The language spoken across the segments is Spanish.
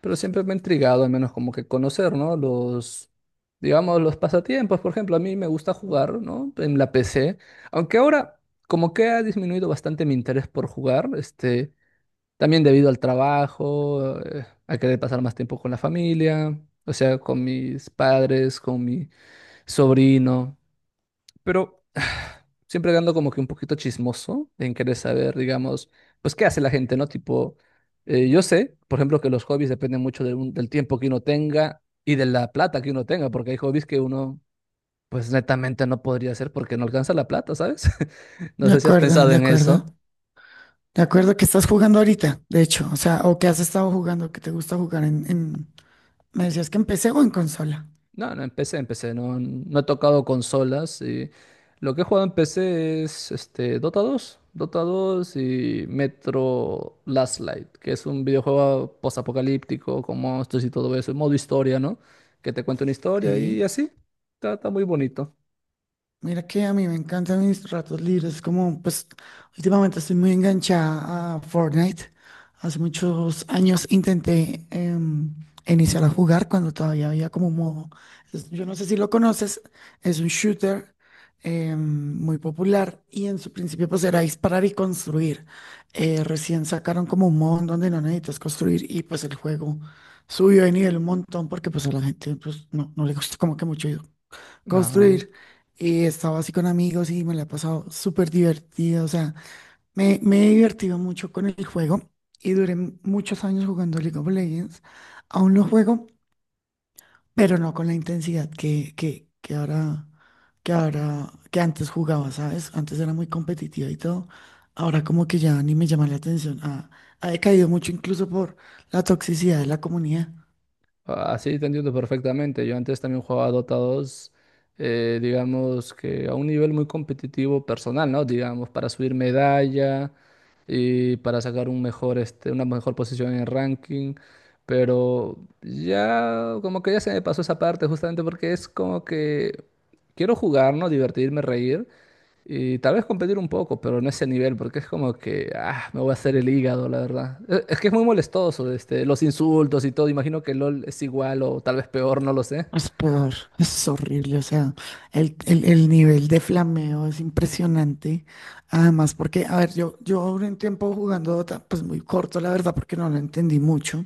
Pero siempre me ha intrigado, al menos como que conocer, ¿no? Los pasatiempos. Por ejemplo, a mí me gusta jugar, ¿no? En la PC. Aunque ahora como que ha disminuido bastante mi interés por jugar, también debido al trabajo, a querer pasar más tiempo con la familia, o sea, con mis padres, con mi sobrino. Pero siempre ando como que un poquito chismoso en querer saber, digamos, pues qué hace la gente, ¿no? Yo sé, por ejemplo, que los hobbies dependen mucho del tiempo que uno tenga y de la plata que uno tenga, porque hay hobbies que uno pues netamente no podría hacer porque no alcanza la plata, ¿sabes? No De sé si has acuerdo, pensado de en acuerdo. eso. De acuerdo que estás jugando ahorita, de hecho. O sea, o que has estado jugando, que te gusta jugar en... Me decías que en PC o en consola. No, no he tocado consolas y lo que he jugado en PC es Dota 2, Dota 2 y Metro Last Light, que es un videojuego posapocalíptico con monstruos y todo eso, en modo historia, ¿no? Que te cuenta una Ok. historia y así, está muy bonito. Mira que a mí me encantan mis ratos libres, como pues últimamente estoy muy enganchada a Fortnite. Hace muchos años intenté iniciar a jugar cuando todavía había como un modo. Yo no sé si lo conoces, es un shooter muy popular y en su principio pues era disparar y construir. Recién sacaron como un modo en donde no necesitas construir y pues el juego subió de nivel un montón porque pues a la gente pues no le gusta como que mucho Ah, construir. Y he estado así con amigos y me la he pasado súper divertido. O sea, me he divertido mucho con el juego y duré muchos años jugando League of Legends. Aún lo juego, pero no con la intensidad que antes jugaba, ¿sabes? Antes era muy competitiva y todo. Ahora como que ya ni me llama la atención. Ha decaído mucho incluso por la toxicidad de la comunidad. así te entiendo perfectamente. Yo antes también jugaba Dota 2, digamos que a un nivel muy competitivo personal, ¿no? Digamos, para subir medalla y para sacar una mejor posición en el ranking. Pero ya, como que ya se me pasó esa parte justamente porque es como que quiero jugar, ¿no? Divertirme, reír y tal vez competir un poco, pero no ese nivel porque es como que, ah, me voy a hacer el hígado, la verdad. Es que es muy molestoso, los insultos y todo. Imagino que LOL es igual o tal vez peor, no lo sé. Es peor, es horrible, o sea, el nivel de flameo es impresionante. Además, porque, a ver, yo duré un tiempo jugando Dota, pues muy corto, la verdad, porque no lo entendí mucho.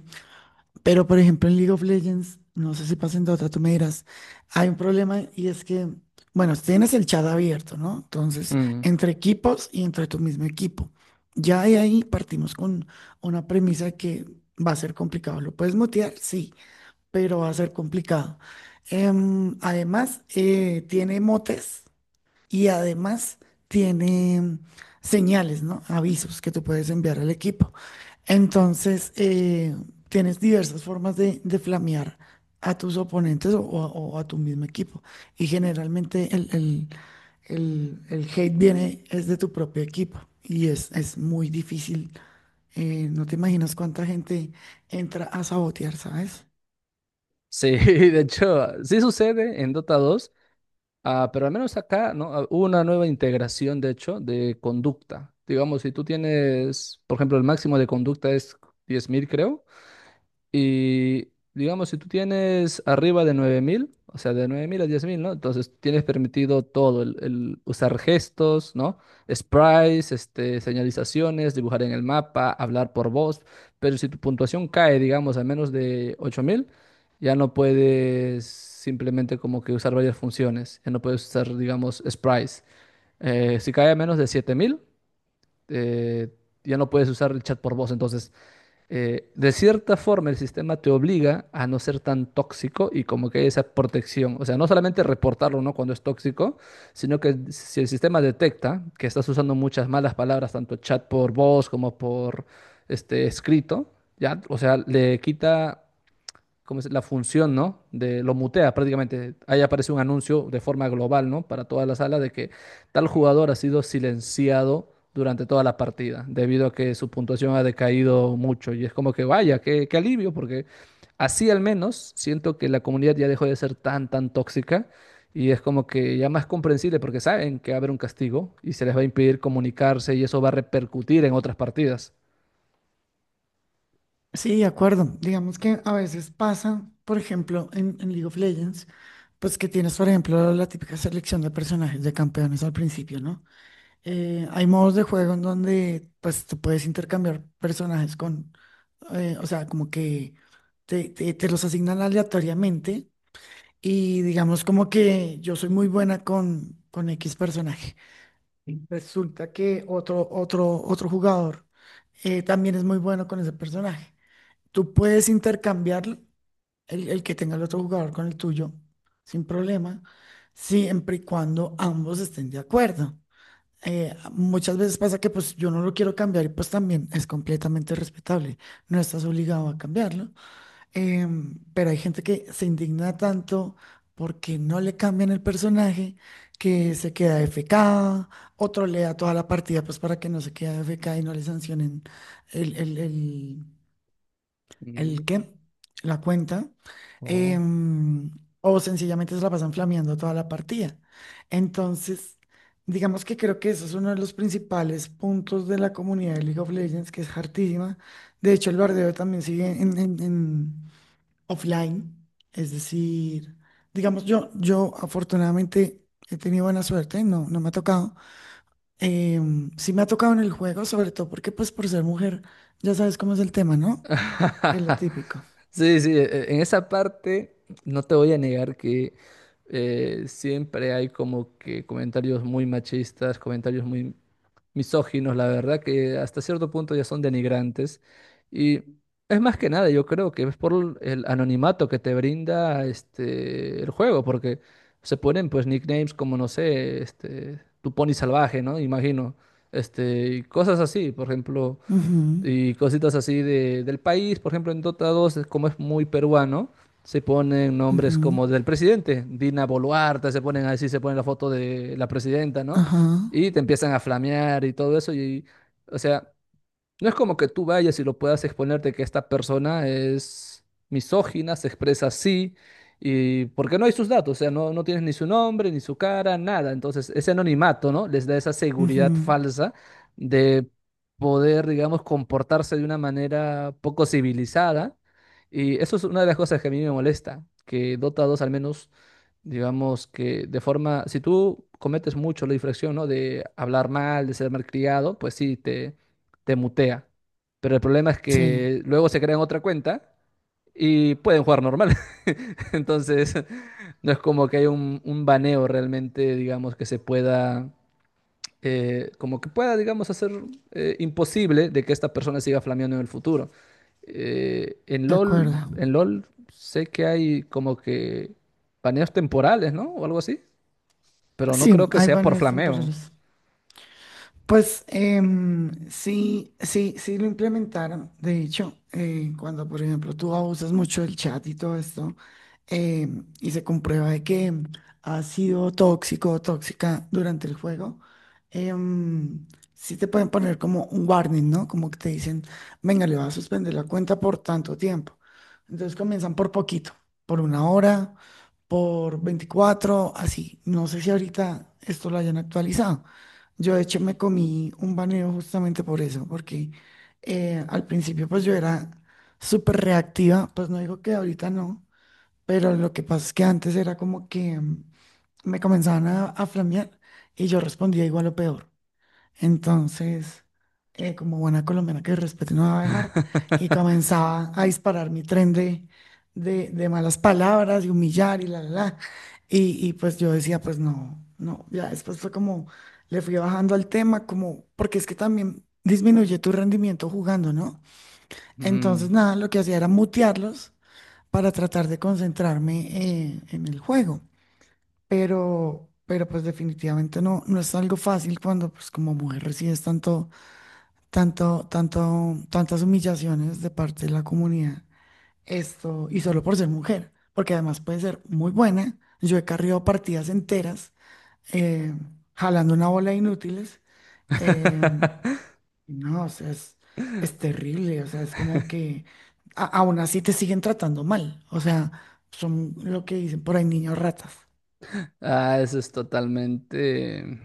Pero, por ejemplo, en League of Legends, no sé si pasa en Dota, tú me dirás, hay un problema y es que, bueno, tienes el chat abierto, ¿no? Entonces, Mm. entre equipos y entre tu mismo equipo. Ya de ahí partimos con una premisa que va a ser complicado. ¿Lo puedes mutear? Sí, pero va a ser complicado. Además, tiene motes y además tiene señales, ¿no? Avisos que tú puedes enviar al equipo. Entonces, tienes diversas formas de flamear a tus oponentes o a tu mismo equipo. Y generalmente el hate viene es de tu propio equipo y es muy difícil. No te imaginas cuánta gente entra a sabotear, ¿sabes? Sí, de hecho, sí sucede en Dota 2. Ah, pero al menos acá, ¿no? Ah, hubo una nueva integración, de hecho, de conducta. Digamos, si tú tienes, por ejemplo, el máximo de conducta es 10.000, creo. Y digamos, si tú tienes arriba de 9.000, o sea, de 9.000 a 10.000, ¿no? Entonces tienes permitido todo, el usar gestos, ¿no? Sprites, señalizaciones, dibujar en el mapa, hablar por voz. Pero si tu puntuación cae, digamos, a menos de 8.000, ya no puedes simplemente como que usar varias funciones. Ya no puedes usar, digamos, sprites. Si cae a menos de 7.000, eh, ya no puedes usar el chat por voz. Entonces, de cierta forma el sistema te obliga a no ser tan tóxico y como que hay esa protección. O sea, no solamente reportarlo, ¿no? Cuando es tóxico, sino que si el sistema detecta que estás usando muchas malas palabras, tanto chat por voz como por escrito, ya, o sea, le quita como la función, ¿no? De, lo mutea prácticamente. Ahí aparece un anuncio de forma global, ¿no? Para toda la sala de que tal jugador ha sido silenciado durante toda la partida, debido a que su puntuación ha decaído mucho. Y es como que, vaya, qué, qué alivio, porque así al menos siento que la comunidad ya dejó de ser tan, tan tóxica. Y es como que ya más comprensible porque saben que va a haber un castigo y se les va a impedir comunicarse y eso va a repercutir en otras partidas. Sí, de acuerdo. Digamos que a veces pasa, por ejemplo, en League of Legends, pues que tienes, por ejemplo, la típica selección de personajes de campeones al principio, ¿no? Hay modos de juego en donde, pues, tú puedes intercambiar personajes con, o sea, como que te los asignan aleatoriamente y digamos como que yo soy muy buena con X personaje. Sí. Resulta que otro jugador también es muy bueno con ese personaje. Tú puedes intercambiar el que tenga el otro jugador con el tuyo sin problema, siempre y cuando ambos estén de acuerdo. Muchas veces pasa que pues yo no lo quiero cambiar y pues también es completamente respetable, no estás obligado a cambiarlo. Pero hay gente que se indigna tanto porque no le cambian el personaje, que se queda FK, otro le da toda la partida pues para que no se quede FK y no le sancionen el, el, el- Mm, ¿El qué? La cuenta. oh. em, o sencillamente se la pasan flameando toda la partida. Entonces, digamos que creo que eso es uno de los principales puntos de la comunidad de League of Legends, que es hartísima. De hecho, el bardeo también sigue en offline. Es decir, digamos, yo afortunadamente he tenido buena suerte, no me ha tocado. Sí me ha tocado en el juego, sobre todo porque pues por ser mujer, ya sabes cómo es el tema, ¿no? Que es lo típico. Sí, sí, en esa parte no te voy a negar que siempre hay como que comentarios muy machistas, comentarios muy misóginos, la verdad que hasta cierto punto ya son denigrantes. Y es más que nada, yo creo que es por el anonimato que te brinda el juego, porque se ponen pues nicknames como, no sé, tu pony salvaje, ¿no? Imagino, y cosas así, por ejemplo, Ujú, y cositas así de, del país. Por ejemplo, en Dota 2 es como es muy peruano, se ponen nombres ujú, como del presidente, Dina Boluarte, se ponen así, se ponen la foto de la presidenta, ¿no? ajá. Y te empiezan a flamear y todo eso. Y, o sea, no es como que tú vayas y lo puedas exponerte que esta persona es misógina, se expresa así, y porque no hay sus datos, o sea, no tienes ni su nombre, ni su cara, nada. Entonces, ese anonimato, ¿no? Les da esa seguridad Ujú, falsa de poder, digamos, comportarse de una manera poco civilizada. Y eso es una de las cosas que a mí me molesta, que Dota 2 al menos, digamos que de forma, si tú cometes mucho la infracción, ¿no? De hablar mal, de ser malcriado, pues sí, te mutea. Pero el problema es sí, que luego se crean otra cuenta y pueden jugar normal. Entonces, no es como que hay un baneo realmente, digamos, que se pueda, como que pueda, digamos, hacer imposible de que esta persona siga flameando en el futuro. De acuerdo. En LOL sé que hay como que baneos temporales, ¿no? O algo así. Pero no Sí, creo que hay sea por baños flameo. temporales. Pues sí, sí lo implementaron. De hecho, cuando, por ejemplo, tú abusas mucho del chat y todo esto, y se comprueba de que has sido tóxico o tóxica durante el juego, em, sí te pueden poner como un warning, ¿no? Como que te dicen, venga, le vas a suspender la cuenta por tanto tiempo. Entonces comienzan por poquito, por una hora, por 24, así. No sé si ahorita esto lo hayan actualizado. Yo de hecho me comí un baneo justamente por eso, porque al principio pues yo era súper reactiva, pues no digo que ahorita no, pero lo que pasa es que antes era como que me comenzaban a flamear y yo respondía igual o peor. Entonces, como buena colombiana, que respeto no me va a dejar. Y comenzaba a disparar mi tren de malas palabras y humillar y la. Y pues yo decía, pues no. Ya después fue como, le fui bajando al tema, como, porque es que también disminuye tu rendimiento jugando, ¿no? Entonces, Mm. nada, lo que hacía era mutearlos para tratar de concentrarme en el juego. Pero pues definitivamente no es algo fácil cuando, pues como mujer recibes tanto tantas humillaciones de parte de la comunidad. Esto, y solo por ser mujer, porque además puede ser muy buena. Yo he cargado partidas enteras, eh, jalando una bola de inútiles. eh, no, o sea, es terrible, o sea, es como que aún así te siguen tratando mal. O sea, son lo que dicen por ahí, niños ratas. Ah, eso es totalmente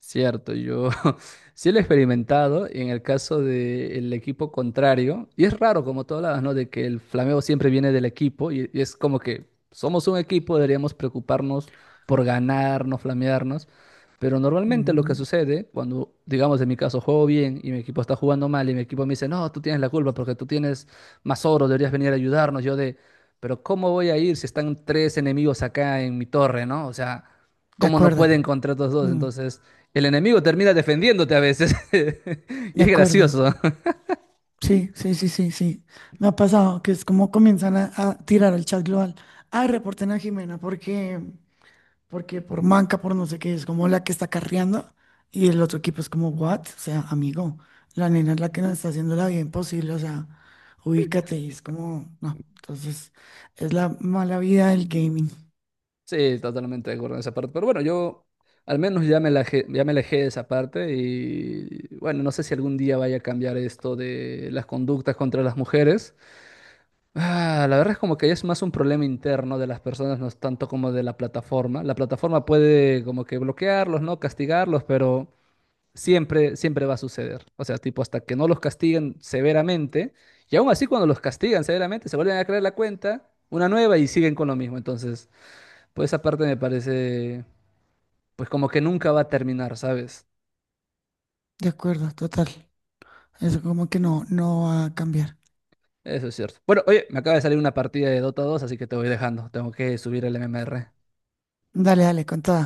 cierto. Yo sí lo he experimentado y en el caso del equipo contrario, y es raro como tú hablabas, ¿no? De que el flameo siempre viene del equipo y es como que somos un equipo, deberíamos preocuparnos por ganar, no flamearnos, pero normalmente lo que Mm, sucede cuando, digamos, en mi caso juego bien y mi equipo está jugando mal y mi equipo me dice, no, tú tienes la culpa porque tú tienes más oro, deberías venir a ayudarnos, yo de... Pero ¿cómo voy a ir si están tres enemigos acá en mi torre, ¿no? O sea, de ¿cómo no pueden acuerdo, contra estos dos? mm, Entonces, el enemigo termina defendiéndote a veces. Y de es acuerdo. gracioso. Sí, sí, sí, sí, sí. Me ha pasado que es como comienzan a tirar al chat global. Ah, reporten a Jimena porque, porque por manca, por no sé qué, es como la que está carreando. Y el otro equipo es como, what? O sea, amigo, la nena es la que nos está haciendo la vida imposible. O sea, ubícate, y es como, no. Entonces, es la mala vida del gaming. Sí, totalmente de acuerdo en esa parte. Pero bueno, yo al menos ya ya me alejé de esa parte y bueno, no sé si algún día vaya a cambiar esto de las conductas contra las mujeres. Ah, la verdad es como que ya es más un problema interno de las personas, no es tanto como de la plataforma. La plataforma puede como que bloquearlos, ¿no? Castigarlos, pero siempre, siempre va a suceder. O sea, tipo, hasta que no los castiguen severamente, y aún así cuando los castigan severamente, se vuelven a crear la cuenta, una nueva y siguen con lo mismo. Entonces, pues esa parte me parece, pues como que nunca va a terminar, ¿sabes? De acuerdo, total. Eso como que no, no va a cambiar. Eso es cierto. Bueno, oye, me acaba de salir una partida de Dota 2, así que te voy dejando. Tengo que subir el MMR. Dale, dale, contada.